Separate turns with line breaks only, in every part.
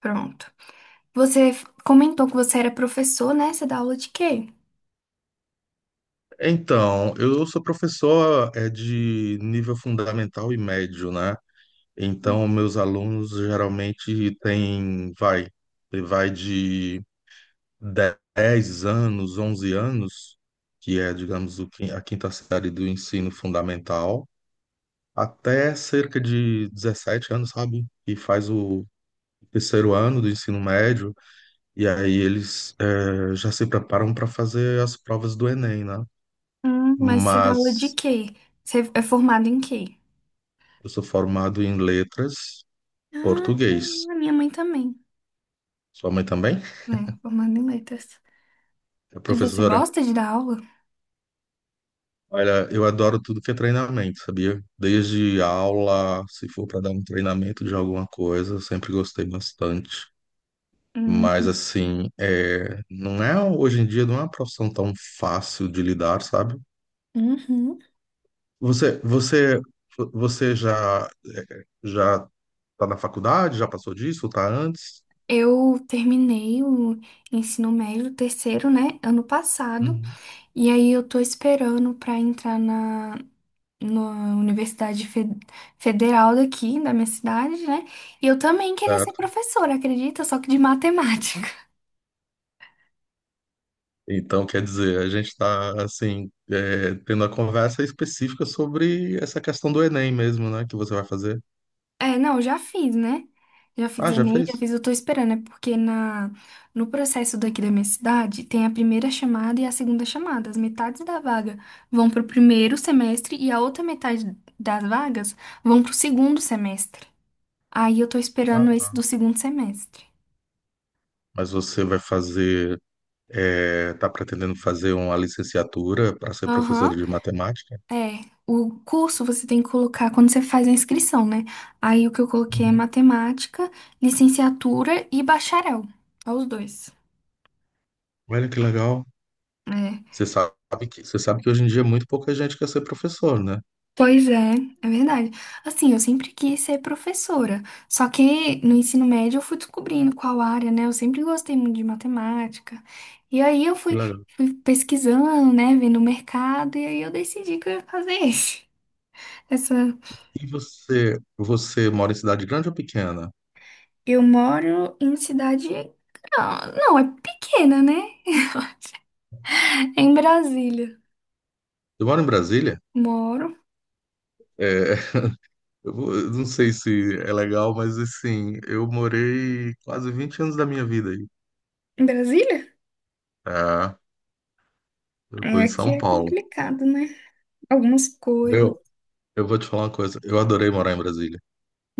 Pronto. Comentou que você era professor, né? Você dá aula de quê?
Então, eu sou professor de nível fundamental e médio, né?
Hum.
Então, meus alunos geralmente têm, vai de 10 anos, 11 anos, que é, digamos, a quinta série do ensino fundamental, até cerca de 17 anos, sabe? E faz o terceiro ano do ensino médio, e aí eles já se preparam para fazer as provas do Enem, né?
Mas você dá aula de
Mas
quê? Você é formado em quê?
Eu sou formado em letras,
Ah,
português.
caramba, minha mãe também.
Sua mãe também?
É, formada em letras.
É
E você
professora?
gosta de dar aula?
Olha, eu adoro tudo que é treinamento, sabia? Desde aula, se for para dar um treinamento de alguma coisa, eu sempre gostei bastante.
Hum,
Mas, assim, não é hoje em dia não é uma profissão tão fácil de lidar, sabe?
uhum.
Você, você, você já tá na faculdade? Já passou disso? Tá antes?
Eu terminei o ensino médio o terceiro, né, ano passado,
Uhum.
e aí eu tô esperando pra entrar na Universidade Federal daqui, da minha cidade, né? E eu também queria ser
Certo.
professora, acredita? Só que de matemática.
Então, quer dizer, a gente está, assim, tendo a conversa específica sobre essa questão do Enem mesmo, né? Que você vai fazer.
É, não, já fiz, né? Já fiz
Ah, já
Enem, já
fez?
fiz, eu tô esperando, é porque no processo daqui da minha cidade tem a primeira chamada e a segunda chamada. As metades da vaga vão pro primeiro semestre e a outra metade das vagas vão pro segundo semestre. Aí eu tô
Ah,
esperando esse
tá.
do segundo semestre.
Mas você vai fazer, tá pretendendo fazer uma licenciatura para ser professora
Aham,
de matemática?
é. O curso você tem que colocar quando você faz a inscrição, né? Aí o que eu coloquei é
Uhum.
matemática, licenciatura e bacharel. Ó, os dois.
Olha que legal.
É.
Você sabe você sabe que hoje em dia muito pouca gente quer ser professor, né?
Pois é, é verdade. Assim, eu sempre quis ser professora, só que no ensino médio eu fui descobrindo qual área, né? Eu sempre gostei muito de matemática. E aí eu
Que
fui,
legal.
fui pesquisando, né? Vendo o mercado, e aí eu decidi que eu ia fazer esse. Essa...
E você mora em cidade grande ou pequena?
Eu moro em cidade. Não, não, é pequena, né? É em Brasília.
Eu moro em Brasília.
Moro.
É, eu não sei se é legal, mas assim, eu morei quase 20 anos da minha vida aí.
Em Brasília?
Tá? Eu tô
É,
em
aqui
São
é
Paulo.
complicado, né? Algumas coisas.
Meu, eu vou te falar uma coisa. Eu adorei morar em Brasília.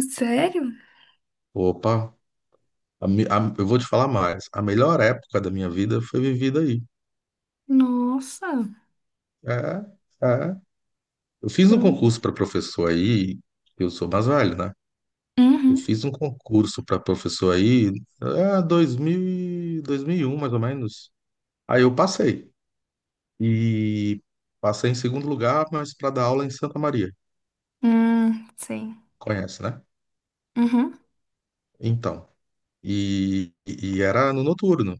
Sério?
Opa, eu vou te falar mais. A melhor época da minha vida foi vivida aí.
Nossa.
É. Eu fiz um
É.
concurso para professor aí, eu sou mais velho, né? Eu
Uhum.
fiz um concurso para professor aí, 2000, 2001, mais ou menos. Aí eu passei. E passei em segundo lugar, mas para dar aula em Santa Maria.
Sim.
Conhece, né?
Uhum.
Então, e era no noturno.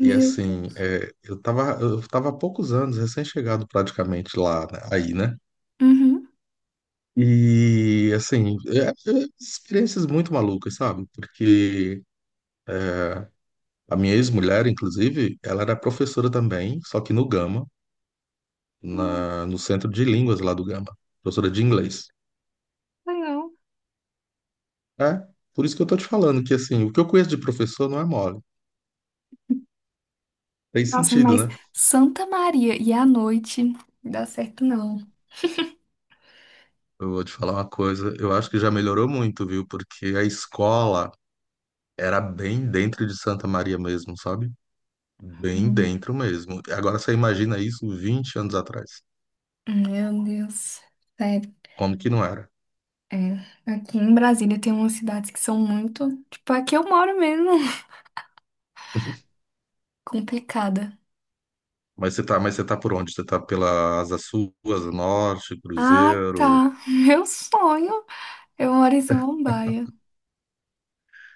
E assim,
Deus.
eu tava há poucos anos, recém-chegado praticamente lá, né, aí, né?
Uhum.
E assim, experiências muito malucas, sabe? Porque a minha ex-mulher, inclusive, ela era professora também, só que no Gama,
Hum.
no centro de línguas lá do Gama, professora de inglês.
Legal.
É, por isso que eu tô te falando que assim, o que eu conheço de professor não é mole. Tem
Nossa,
sentido,
mas
né?
Santa Maria e à noite não dá certo não.
Eu vou te falar uma coisa, eu acho que já melhorou muito, viu? Porque a escola era bem dentro de Santa Maria mesmo, sabe? Bem
Hum.
dentro mesmo. Agora você imagina isso 20 anos atrás.
Meu Deus. Sério.
Como que não era?
É. Aqui em Brasília tem umas cidades que são muito. Tipo, aqui eu moro mesmo. Complicada.
Mas você tá por onde? Você tá pela Asa Sul, Asa Norte,
Ah,
Cruzeiro.
tá. Meu sonho. Eu moro em Samambaia.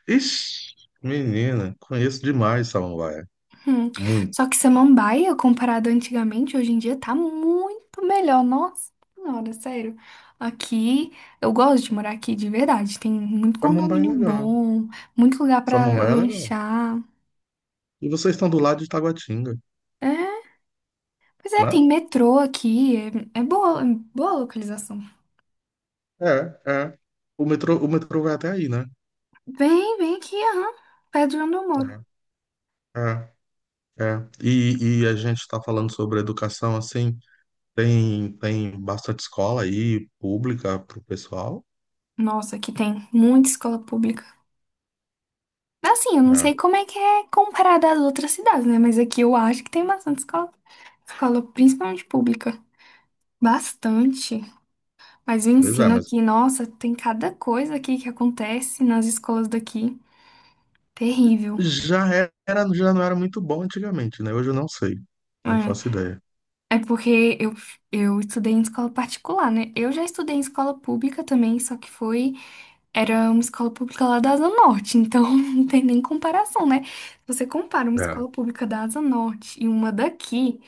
Ixi, menina, conheço demais Samambaia.
Hum.
Muito.
Só que samambaia, comparado antigamente, hoje em dia tá muito melhor. Nossa senhora, sério. Aqui, eu gosto de morar aqui de verdade. Tem muito
Samambaia é
condomínio
legal.
bom, muito lugar pra
Samambaia é legal.
lanchar.
E vocês estão do lado de Taguatinga,
É, pois é,
né?
tem metrô aqui. É, é boa localização.
É. O metrô vai até aí, né?
Vem, vem aqui, aham. Perto de onde eu moro.
É. É, é. E a gente está falando sobre educação, assim, tem bastante escola aí, pública, para o pessoal.
Nossa, aqui tem muita escola pública. Assim, eu não sei
É.
como é que é comparado às outras cidades, né? Mas aqui eu acho que tem bastante escola. Escola, principalmente pública. Bastante. Mas o
Pois é,
ensino
mas
aqui, nossa, tem cada coisa aqui que acontece nas escolas daqui. Terrível.
já já não era muito bom antigamente, né? Hoje eu não sei, não faço ideia.
É, é porque eu estudei em escola particular, né? Eu já estudei em escola pública também, só que foi. Era uma escola pública lá da Asa Norte, então não tem nem comparação, né? Se você compara uma
É.
escola pública da Asa Norte e uma daqui.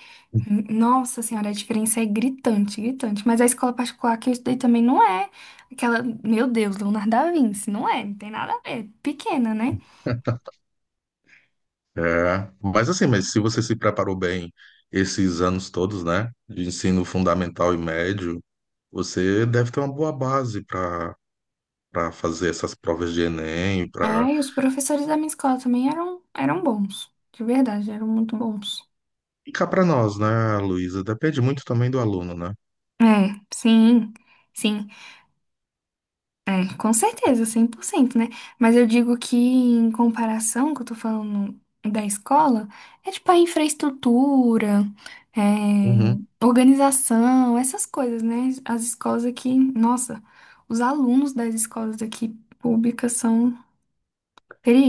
Nossa senhora, a diferença é gritante, gritante. Mas a escola particular que eu estudei também não é aquela, meu Deus, Leonardo da Vinci, não é, não tem nada a ver, pequena, né?
É. Mas assim, mas se você se preparou bem esses anos todos, né, de ensino fundamental e médio, você deve ter uma boa base para para fazer essas provas de Enem, para
É, e os professores da minha escola também eram bons, de verdade, eram muito bons.
ficar para nós, né, Luísa? Depende muito também do aluno, né?
É, sim, sim. Com certeza, 100% né? Mas eu digo que, em comparação, que eu tô falando da escola, é tipo a infraestrutura, é,
Uhum.
organização, essas coisas, né? As escolas aqui, nossa, os alunos das escolas aqui públicas são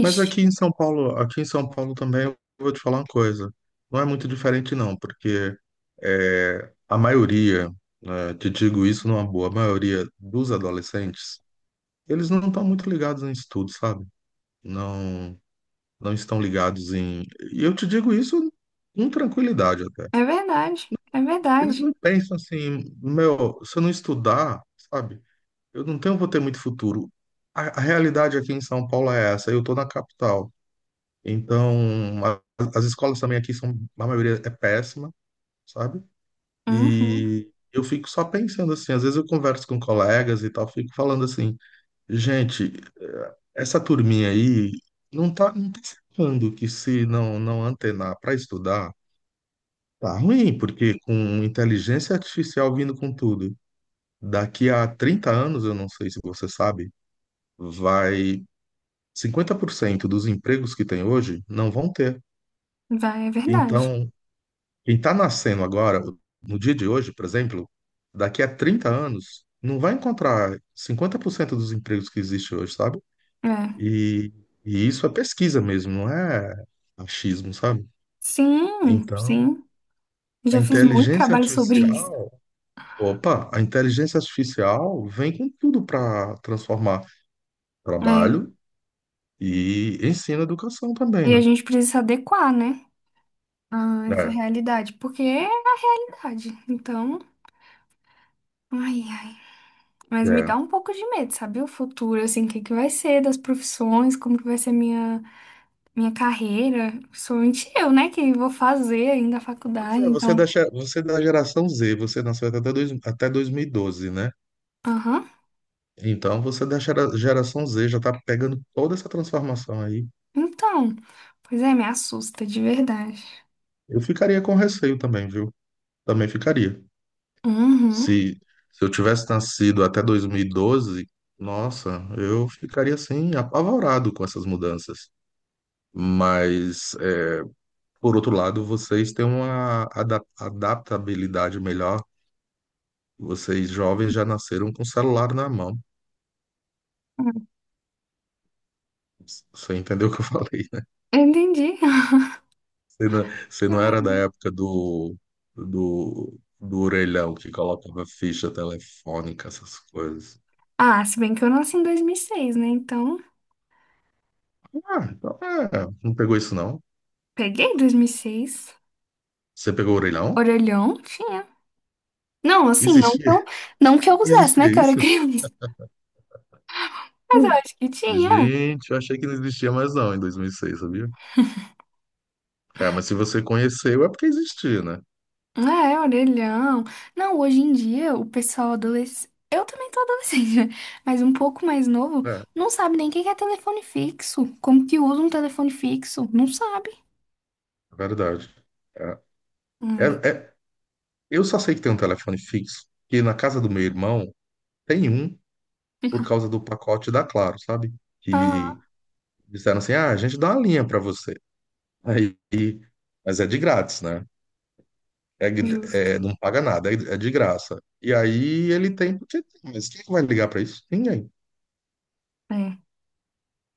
Mas aqui em São Paulo, aqui em São Paulo também eu vou te falar uma coisa. Não é muito diferente não, porque a maioria, né, te digo isso numa boa, a maioria dos adolescentes, eles não estão muito ligados em estudo, sabe? Não, não estão ligados em. E eu te digo isso com tranquilidade até.
É verdade, é verdade.
Eles não pensam assim, meu, se eu não estudar, sabe? Eu não tenho, vou ter muito futuro. A realidade aqui em São Paulo é essa. Eu estou na capital. Então, a- as escolas também aqui são, a maioria é péssima, sabe?
Uhum,
E eu fico só pensando assim, às vezes eu converso com colegas e tal, fico falando assim, gente, essa turminha aí não tá, não tá sacando que se não antenar para estudar, tá ruim, porque com inteligência artificial vindo com tudo, daqui a 30 anos, eu não sei se você sabe, vai 50% dos empregos que tem hoje não vão ter.
vai, é verdade.
Então, quem está nascendo agora, no dia de hoje, por exemplo, daqui a 30 anos, não vai encontrar 50% dos empregos que existem hoje, sabe?
É.
E, e isso é pesquisa mesmo, não é achismo, sabe?
Sim,
Então,
sim.
a
Já fiz muito
inteligência
trabalho sobre isso.
artificial, opa, a inteligência artificial vem com tudo para transformar
É,
trabalho e ensino e educação também,
e a
né?
gente precisa se adequar, né? Ah, essa é a
É,
realidade. Porque é a realidade. Então, ai, ai. Mas me dá
é.
um pouco de medo, sabe? O futuro, assim, o que que vai ser das profissões, como que vai ser minha, minha carreira. Principalmente eu, né? Que vou fazer ainda a
Pois
faculdade.
é,
Então,
você é da geração Z, você nasceu até, 2012, né?
aham.
Então você da geração Z já tá pegando toda essa transformação aí.
Então, pois é, me assusta, de verdade.
Eu ficaria com receio também, viu? Também ficaria.
Uhum.
Se, se eu tivesse nascido até 2012, nossa, eu ficaria assim, apavorado com essas mudanças. Mas, por outro lado, vocês têm uma adaptabilidade melhor. Vocês jovens já nasceram com o celular na mão. Você entendeu o que eu falei?
Eu entendi.
Você não, você
É
não era da
verdade.
época do, do orelhão que colocava ficha telefônica, essas coisas.
Ah, se bem que eu nasci em 2006, né? Então,
Ah, então é, não pegou isso não.
peguei 2006.
Você pegou o orelhão?
Orelhão tinha. Não, assim,
Existia,
não que eu usasse,
existia
né, cara,
isso?
criança. Mas eu
Hum.
acho que tinha.
Gente, eu achei que não existia mais não em 2006, sabia? É, mas se você conheceu é porque existia, né?
É, orelhão. Não, hoje em dia, o pessoal adolescente. Eu também tô adolescente, né? Mas um pouco mais novo,
É,
não sabe nem o que que é telefone fixo. Como que usa um telefone fixo? Não sabe.
é verdade. É,
Hum.
é- é- eu só sei que tem um telefone fixo, que na casa do meu irmão tem um por causa do pacote da Claro, sabe?
Ah,
Que Disseram assim: ah, a gente dá uma linha para você. Aí, mas é de grátis, né? É,
justo.
não paga nada, é de graça. E aí ele tem, porque tem, mas quem vai ligar para isso? Ninguém,
É.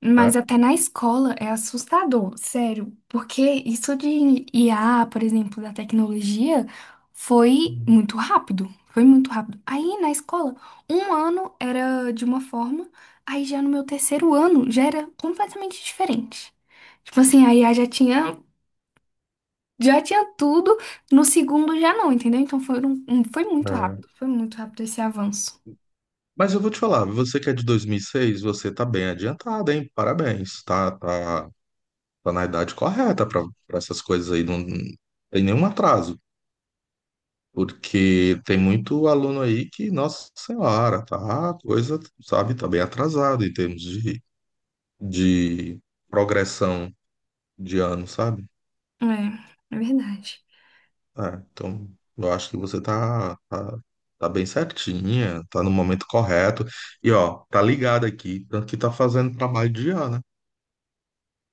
Mas
né?
até na escola é assustador, sério, porque isso de IA, por exemplo, da tecnologia, foi
Hum.
muito rápido, foi muito rápido. Aí na escola, um ano era de uma forma, aí já no meu terceiro ano já era completamente diferente. Tipo assim, a IA já tinha tudo, no segundo já não, entendeu? Então foi,
É.
foi muito rápido esse avanço.
Mas eu vou te falar, você que é de 2006 você tá bem adiantada, hein? Parabéns, tá na idade correta para essas coisas aí, não tem nenhum atraso, porque tem muito aluno aí que, nossa senhora, tá, a coisa, sabe, tá bem atrasado em termos de, progressão de ano, sabe?
É, é verdade.
É, então, eu acho que você tá, tá bem certinha, tá no momento correto. E, ó, tá ligado aqui, tanto que tá fazendo trabalho de ano,